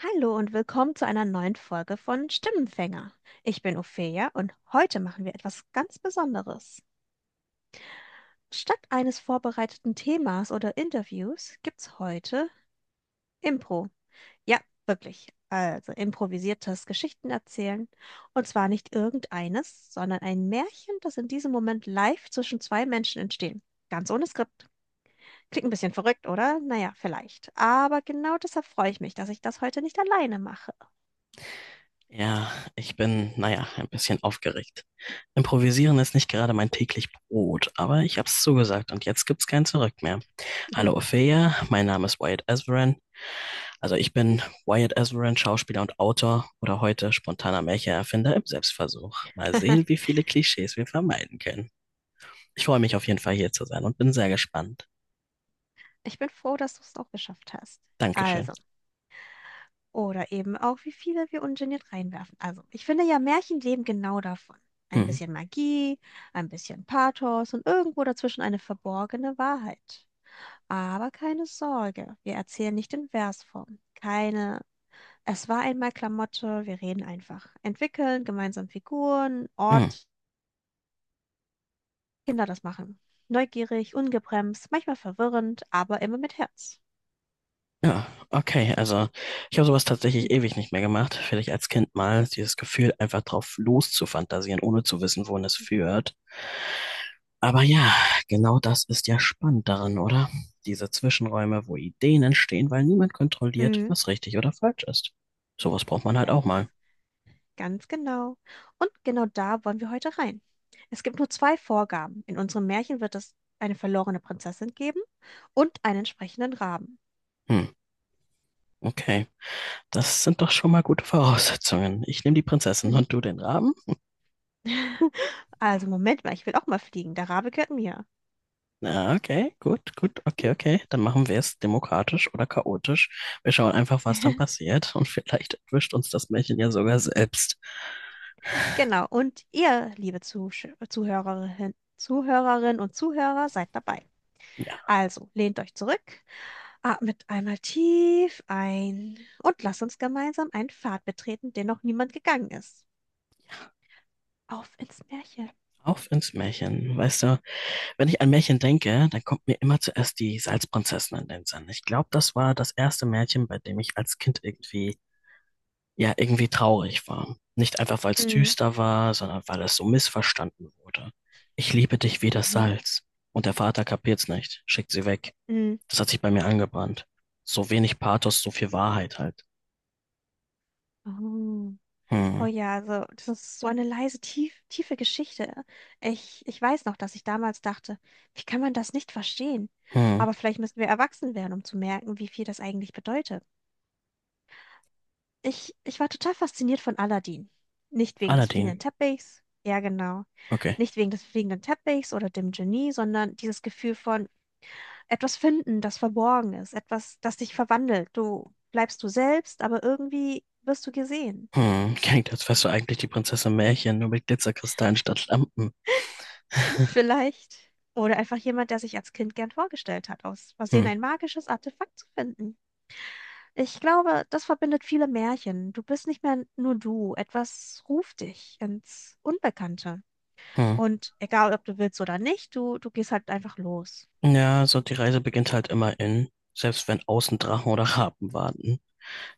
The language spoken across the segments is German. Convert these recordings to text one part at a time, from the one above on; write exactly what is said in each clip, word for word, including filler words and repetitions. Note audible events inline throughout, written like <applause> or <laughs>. Hallo und willkommen zu einer neuen Folge von Stimmenfänger. Ich bin Ophelia und heute machen wir etwas ganz Besonderes. Statt eines vorbereiteten Themas oder Interviews gibt's heute Impro. Ja, wirklich. Also improvisiertes Geschichten erzählen. Und zwar nicht irgendeines, sondern ein Märchen, das in diesem Moment live zwischen zwei Menschen entstehen. Ganz ohne Skript. Klingt ein bisschen verrückt, oder? Naja, vielleicht. Aber genau deshalb freue ich mich, dass ich das heute nicht alleine mache. Ja, ich bin, naja, ein bisschen aufgeregt. Improvisieren ist nicht gerade mein täglich Brot, aber ich hab's zugesagt und jetzt gibt's kein Zurück mehr. Hallo <laughs> Ophelia, mein Name ist Wyatt Esverin. Also ich bin Wyatt Esverin, Schauspieler und Autor oder heute spontaner Märchenerfinder im Selbstversuch. Mal sehen, wie viele Klischees wir vermeiden können. Ich freue mich auf jeden Fall hier zu sein und bin sehr gespannt. Ich bin froh, dass du es auch geschafft hast. Dankeschön. Also, oder eben auch, wie viele wir ungeniert reinwerfen. Also, ich finde ja, Märchen leben genau davon. Ein Hm. bisschen Magie, ein bisschen Pathos und irgendwo dazwischen eine verborgene Wahrheit. Aber keine Sorge, wir erzählen nicht in Versform. Keine, es war einmal Klamotte, wir reden einfach. Entwickeln, gemeinsam Figuren, Hm. Ort, Kinder das machen. Neugierig, ungebremst, manchmal verwirrend, aber immer mit Herz. Ja, okay. Also ich habe sowas tatsächlich Mhm. ewig nicht mehr gemacht. Vielleicht als Kind mal dieses Gefühl, einfach drauf loszufantasieren, ohne zu wissen, wohin es führt. Aber ja, genau das ist ja spannend daran, oder? Diese Zwischenräume, wo Ideen entstehen, weil niemand kontrolliert, Mhm. was richtig oder falsch ist. Sowas braucht man halt auch Ganz mal. Ganz genau. Und genau da wollen wir heute rein. Es gibt nur zwei Vorgaben. In unserem Märchen wird es eine verlorene Prinzessin geben und einen entsprechenden Raben. Hm, okay. Das sind doch schon mal gute Voraussetzungen. Ich nehme die Prinzessin und du <laughs> den Raben. Also Moment mal, ich will auch mal fliegen. Der Rabe gehört mir. Ja, okay, gut, gut, okay, okay. Dann machen wir es demokratisch oder chaotisch. Wir schauen einfach, was dann <laughs> passiert. Und vielleicht erwischt uns das Märchen ja sogar selbst. Genau. Und ihr, liebe Zusch Zuhörerin, Zuhörerinnen und Zuhörer, seid dabei. Ja, Also lehnt euch zurück, atmet einmal tief ein und lasst uns gemeinsam einen Pfad betreten, den noch niemand gegangen ist. Auf ins Märchen. auf ins Märchen. Weißt du, wenn ich an Märchen denke, dann kommt mir immer zuerst die Salzprinzessin in den Sinn. Ich glaube, das war das erste Märchen, bei dem ich als Kind irgendwie, ja, irgendwie traurig war. Nicht einfach, weil es düster war, sondern weil es so missverstanden wurde. Ich liebe dich wie das Mhm. Salz. Und der Vater kapiert's nicht, schickt sie weg. Mhm. Das hat sich bei mir angebrannt. So wenig Pathos, so viel Wahrheit halt. Oh. Oh Hm, ja, also das ist so eine leise, tief, tiefe Geschichte. Ich, ich weiß noch, dass ich damals dachte, wie kann man das nicht verstehen? hm. Aber vielleicht müssen wir erwachsen werden, um zu merken, wie viel das eigentlich bedeutet. Ich, ich war total fasziniert von Aladdin. Nicht wegen des Aladdin. fliegenden Teppichs, ja genau. Okay. Nicht wegen des fliegenden Teppichs oder dem Genie, sondern dieses Gefühl von etwas finden, das verborgen ist, etwas, das dich verwandelt. Du bleibst du selbst, aber irgendwie wirst du gesehen. Hm, klingt, als wärst du eigentlich die Prinzessin Märchen, nur mit Glitzerkristallen statt Lampen. Vielleicht. Oder einfach jemand, der sich als Kind gern vorgestellt hat, aus Versehen Hm, ein magisches Artefakt zu finden. Ich glaube, das verbindet viele Märchen. Du bist nicht mehr nur du. Etwas ruft dich ins Unbekannte. hm. Und egal, ob du willst oder nicht, du, du gehst halt einfach los. Ja, so die Reise beginnt halt immer in, selbst wenn außen Drachen oder Raben warten.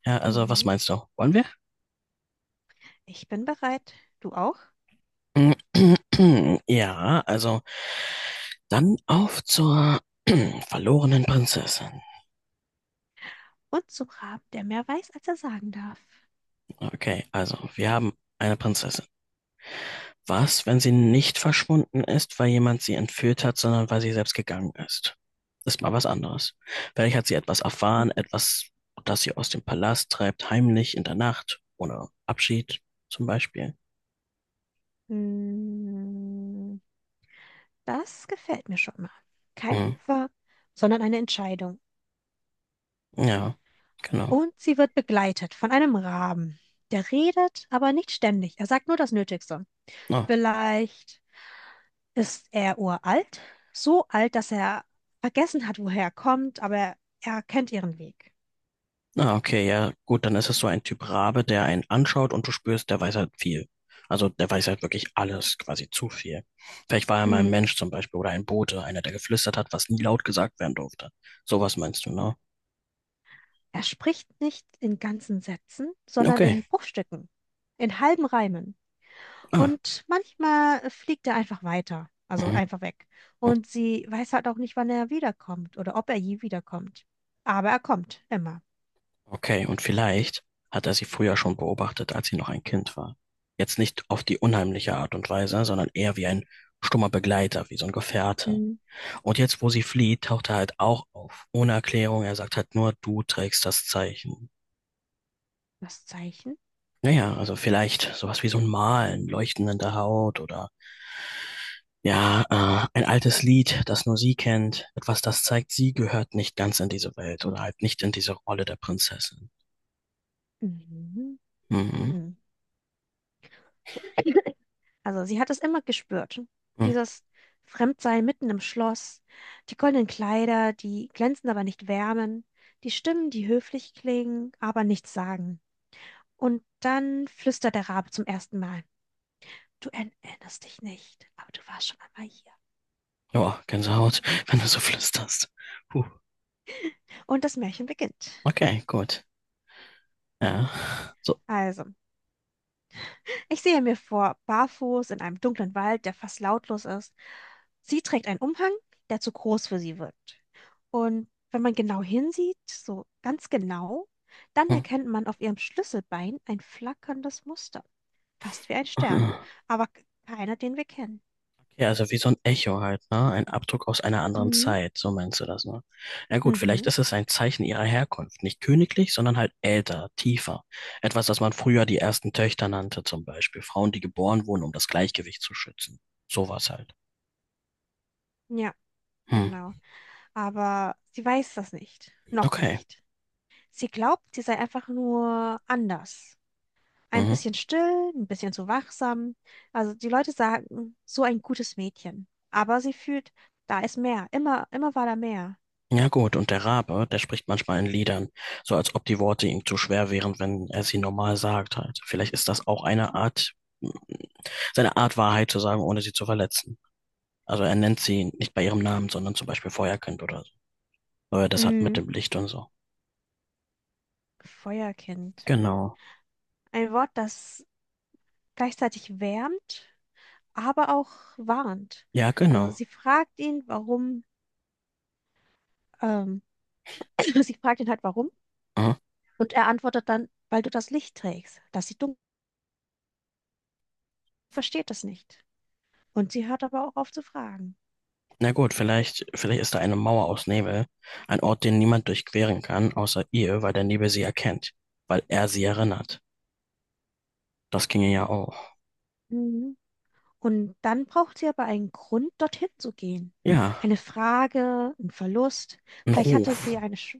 Ja, also was Mhm. meinst du? Wollen wir? Ich bin bereit. Du auch? <clears throat> Ja, also dann auf zur <clears throat> verlorenen Prinzessin. Und zum Raben, der mehr weiß, als er sagen darf. Okay, also wir haben eine Prinzessin. Was, wenn sie nicht verschwunden ist, weil jemand sie entführt hat, sondern weil sie selbst gegangen ist? Ist mal was anderes. Vielleicht hat sie etwas Mhm. erfahren, etwas, das sie aus dem Palast treibt, heimlich in der Nacht oder Abschied zum Beispiel. Hm, das gefällt mir schon mal. Kein Hm. Opfer, sondern eine Entscheidung. Ja, genau. Und sie wird begleitet von einem Raben. Der redet, aber nicht ständig. Er sagt nur das Nötigste. Ah, Vielleicht ist er uralt, so alt, dass er vergessen hat, woher er kommt, aber er kennt ihren Weg. ah, okay, ja, gut, dann ist es so ein Typ Rabe, der einen anschaut und du spürst, der weiß halt viel. Also der weiß halt wirklich alles, quasi zu viel. Vielleicht war er mal ein Hm. Mensch zum Beispiel oder ein Bote, einer, der geflüstert hat, was nie laut gesagt werden durfte. Sowas meinst du, ne? Er spricht nicht in ganzen Sätzen, sondern Okay. in Bruchstücken, in halben Reimen. Ah. Und manchmal fliegt er einfach weiter, also Mhm. einfach weg. Und sie weiß halt auch nicht, wann er wiederkommt oder ob er je wiederkommt. Aber er kommt immer. Okay, und vielleicht hat er sie früher schon beobachtet, als sie noch ein Kind war. Jetzt nicht auf die unheimliche Art und Weise, sondern eher wie ein stummer Begleiter, wie so ein Gefährte. Hm. Und jetzt, wo sie flieht, taucht er halt auch auf. Ohne Erklärung, er sagt halt nur, du trägst das Zeichen. Das Zeichen. Naja, also vielleicht sowas wie so ein Malen, Leuchten in der Haut oder ja, äh, ein altes Lied, das nur sie kennt. Etwas, das zeigt, sie gehört nicht ganz in diese Welt oder halt nicht in diese Rolle der Prinzessin. Mhm. Mhm. Hm. <laughs> Also sie hat es immer gespürt. Mhm. Dieses Fremdsein mitten im Schloss, die goldenen Kleider, die glänzen aber nicht wärmen, die Stimmen, die höflich klingen, aber nichts sagen. Und dann flüstert der Rabe zum ersten Mal. Du erinnerst dich nicht, aber du warst schon einmal hier. Ja, Gänsehaut, wenn du so flüsterst. Puh. Und das Märchen beginnt. Okay, gut. Ja. So. Also. Ich sehe mir vor, barfuß in einem dunklen Wald, der fast lautlos ist. Sie trägt einen Umhang, der zu groß für sie wirkt. Und wenn man genau hinsieht, so ganz genau, dann Ja, erkennt man auf ihrem Schlüsselbein ein flackerndes Muster. Fast wie ein Stern, aber k- keiner, den wir kennen. also wie so ein Echo halt, ne? Ein Abdruck aus einer anderen Mhm. Zeit, so meinst du das, ne? Ja gut, vielleicht Mhm. ist es ein Zeichen ihrer Herkunft. Nicht königlich, sondern halt älter, tiefer. Etwas, das man früher die ersten Töchter nannte, zum Beispiel. Frauen, die geboren wurden, um das Gleichgewicht zu schützen. Sowas halt. Ja, Hm. genau. Aber sie weiß das nicht. Noch Okay. nicht. Sie glaubt, sie sei einfach nur anders. Ein Mhm. bisschen still, ein bisschen zu wachsam. Also die Leute sagen, so ein gutes Mädchen. Aber sie fühlt, da ist mehr. Immer, immer war da mehr. Ja gut, und der Rabe, der spricht manchmal in Liedern, so als ob die Worte ihm zu schwer wären, wenn er sie normal sagt halt. Vielleicht ist das auch eine Art, hm, seine Art Wahrheit zu sagen, ohne sie zu verletzen. Also er nennt sie nicht bei ihrem Namen, sondern zum Beispiel Feuerkind oder so. Aber das hat mit Mhm. dem Licht und so. Feuerkind. Genau. Ein Wort, das gleichzeitig wärmt, aber auch warnt. Ja, Also genau. sie fragt ihn, warum, ähm, <clears throat> sie fragt ihn halt, warum. Mhm. Und er antwortet dann, weil du das Licht trägst. Das sieht dunkel, versteht das nicht. Und sie hört aber auch auf zu fragen. Na gut, vielleicht, vielleicht ist da eine Mauer aus Nebel, ein Ort, den niemand durchqueren kann, außer ihr, weil der Nebel sie erkennt, weil er sie erinnert. Das ginge ja auch. Mhm. Und dann braucht sie aber einen Grund, dorthin zu gehen. Ja, Eine Frage, ein Verlust. ein Vielleicht hatte sie Ruf. eine, Sch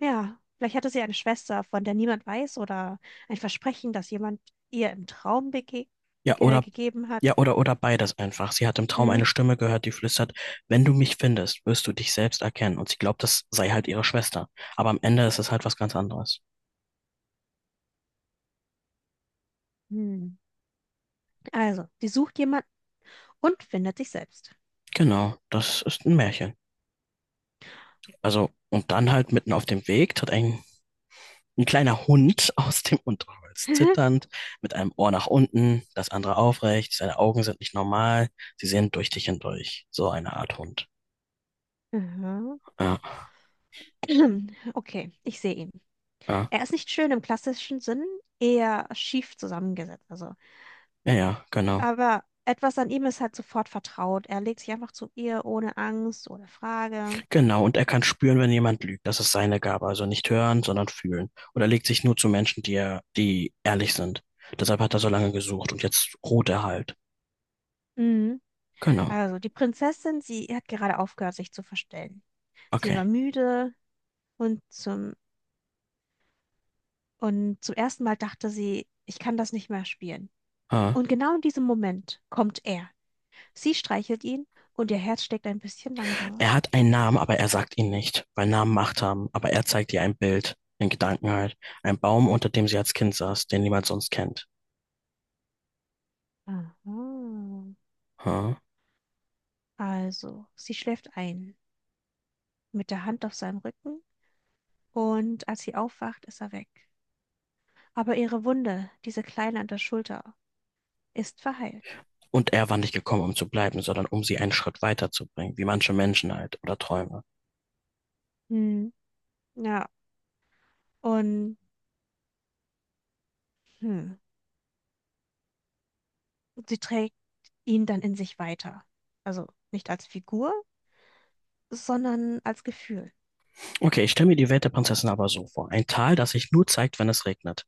ja, vielleicht hatte sie eine Schwester, von der niemand weiß, oder ein Versprechen, das jemand ihr im Traum bege be Ja, äh, oder, gegeben hat. ja, oder, oder beides einfach. Sie hat im Traum Mhm. eine Stimme gehört, die flüstert, wenn du mich findest, wirst du dich selbst erkennen. Und sie glaubt, das sei halt ihre Schwester. Aber am Ende ist es halt was ganz anderes. Hm. Also, sie sucht jemanden und findet sich selbst. Genau, das ist ein Märchen. Also, und dann halt mitten auf dem Weg tritt ein, ein kleiner Hund <laughs> aus dem Unterholz, <laughs> zitternd, mit einem Ohr nach unten, das andere aufrecht, seine Augen sind nicht normal, sie sehen durch dich hindurch. So eine Art Hund. Aha. Ja, <clears throat> Okay, ich sehe ihn. ja, Er ist nicht schön im klassischen Sinn, eher schief zusammengesetzt. Also ja, ja, genau. aber etwas an ihm ist halt sofort vertraut. Er legt sich einfach zu ihr ohne Angst, ohne Frage. Genau, und er kann spüren, wenn jemand lügt. Das ist seine Gabe. Also nicht hören, sondern fühlen. Und er legt sich nur zu Menschen, die er, die ehrlich sind. Deshalb hat er so lange gesucht und jetzt ruht er halt. Mhm. Genau. Also die Prinzessin, sie hat gerade aufgehört, sich zu verstellen. Sie war Okay. müde und zum, und zum ersten Mal dachte sie, ich kann das nicht mehr spielen. Ah. Und genau in diesem Moment kommt er. Sie streichelt ihn und ihr Herz schlägt ein bisschen langsamer. Er hat einen Namen, aber er sagt ihn nicht, weil Namen Macht haben. Aber er zeigt ihr ein Bild, in Gedanken halt. Ein Baum, unter dem sie als Kind saß, den niemand sonst kennt. Aha. Ah. Also, sie schläft ein, mit der Hand auf seinem Rücken und als sie aufwacht, ist er weg. Aber ihre Wunde, diese kleine an der Schulter, ist verheilt. Und er war nicht gekommen, um zu bleiben, sondern um sie einen Schritt weiterzubringen, wie manche Menschen halt oder Träume. Hm, ja, und hm, sie trägt ihn dann in sich weiter. Also nicht als Figur, sondern als Gefühl. Okay, ich stelle mir die Welt der Prinzessin aber so vor. Ein Tal, das sich nur zeigt, wenn es regnet.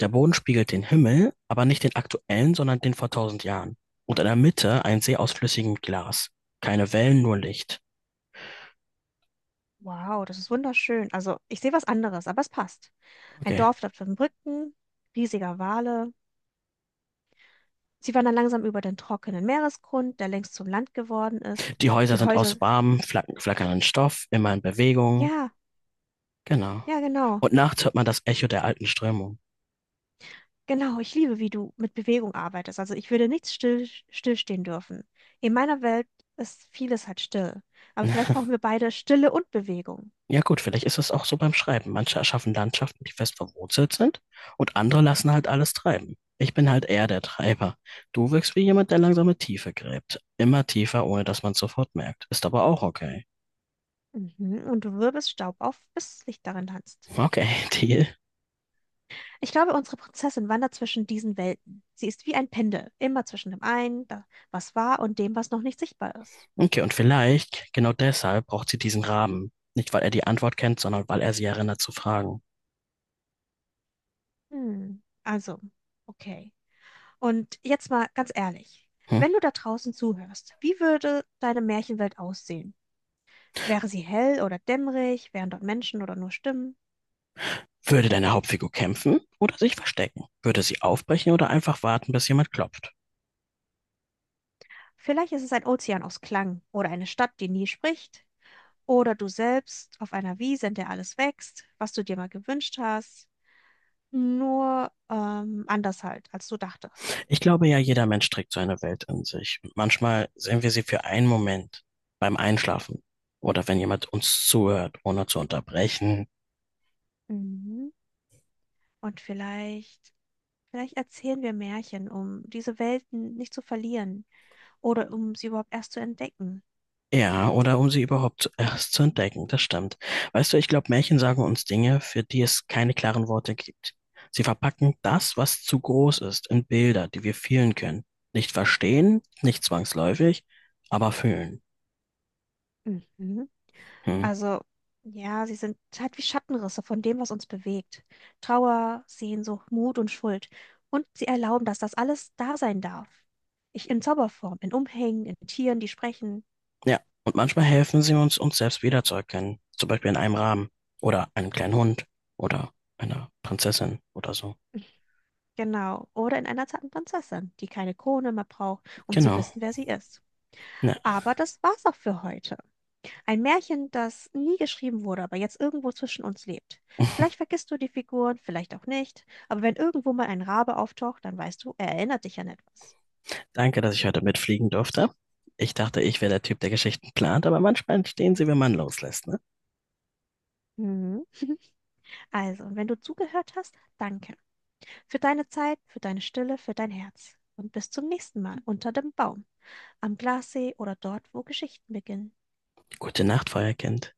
Der Boden spiegelt den Himmel, aber nicht den aktuellen, sondern den vor tausend Jahren. Und in der Mitte ein See aus flüssigem Glas. Keine Wellen, nur Licht. Wow, das ist wunderschön. Also ich sehe was anderes, aber es passt. Ein Okay. Dorf dort von Brücken, riesiger Wale. Sie wandern langsam über den trockenen Meeresgrund, der längst zum Land geworden ist. Die Häuser Die sind Häuser, aus warmem, flack flackernden Stoff, immer in Bewegung. ja, Genau. ja, genau. Und nachts hört man das Echo der alten Strömung. Genau, ich liebe, wie du mit Bewegung arbeitest. Also ich würde nichts still, stillstehen dürfen. In meiner Welt ist vieles halt still. Aber vielleicht brauchen wir beide Stille und Bewegung. Ja gut, vielleicht ist es auch so beim Schreiben. Manche erschaffen Landschaften, die fest verwurzelt sind und andere lassen halt alles treiben. Ich bin halt eher der Treiber. Du wirkst wie jemand, der langsame Tiefe gräbt. Immer tiefer, ohne dass man es sofort merkt. Ist aber auch okay. Mhm. Und du wirbelst Staub auf, bis Licht darin tanzt. Okay, <laughs> Deal. Ich glaube, unsere Prinzessin wandert zwischen diesen Welten. Sie ist wie ein Pendel, immer zwischen dem einen, da- was war, und dem, was noch nicht sichtbar ist. Okay, und vielleicht, genau deshalb braucht sie diesen Rahmen. Nicht, weil er die Antwort kennt, sondern weil er sie erinnert zu fragen. Hm. Also, okay. Und jetzt mal ganz ehrlich. Hm? Wenn du da draußen zuhörst, wie würde deine Märchenwelt aussehen? Wäre sie hell oder dämmerig? Wären dort Menschen oder nur Stimmen? Würde deine Hauptfigur kämpfen oder sich verstecken? Würde sie aufbrechen oder einfach warten, bis jemand klopft? Vielleicht ist es ein Ozean aus Klang oder eine Stadt, die nie spricht. Oder du selbst auf einer Wiese, in der alles wächst, was du dir mal gewünscht hast. Nur ähm, anders halt, als du dachtest. Ich glaube ja, jeder Mensch trägt so eine Welt in sich. Manchmal sehen wir sie für einen Moment beim Einschlafen oder wenn jemand uns zuhört, ohne zu unterbrechen. Mhm. Und vielleicht, vielleicht erzählen wir Märchen, um diese Welten nicht zu verlieren oder um sie überhaupt erst zu entdecken. Ja, oder um sie überhaupt erst zu entdecken, das stimmt. Weißt du, ich glaube, Märchen sagen uns Dinge, für die es keine klaren Worte gibt. Sie verpacken das, was zu groß ist, in Bilder, die wir fühlen können. Nicht verstehen, nicht zwangsläufig, aber fühlen. Mhm. Hm. Also, ja, sie sind halt wie Schattenrisse von dem, was uns bewegt. Trauer, Sehnsucht, Mut und Schuld. Und sie erlauben, dass das alles da sein darf. Ich in Zauberform, in Umhängen, in Tieren, die sprechen. Ja, und manchmal helfen sie uns, uns selbst wiederzuerkennen. Zum Beispiel in einem Raben oder einem kleinen Hund oder einer Prinzessin oder so. Genau. Oder in einer zarten Prinzessin, die keine Krone mehr braucht, um zu Genau. wissen, wer sie ist. Ja, Aber das war's auch für heute. Ein Märchen, das nie geschrieben wurde, aber jetzt irgendwo zwischen uns lebt. Vielleicht vergisst du die Figuren, vielleicht auch nicht. Aber wenn irgendwo mal ein Rabe auftaucht, dann weißt du, er erinnert dich an etwas. danke, dass ich heute mitfliegen durfte. Ich dachte, ich wäre der Typ, der Geschichten plant, aber manchmal entstehen sie, wenn man loslässt, ne? Mhm. Also, und wenn du zugehört hast, danke für deine Zeit, für deine Stille, für dein Herz. Und bis zum nächsten Mal unter dem Baum, am Glassee oder dort, wo Geschichten beginnen. Gute Nacht, Feuerkind.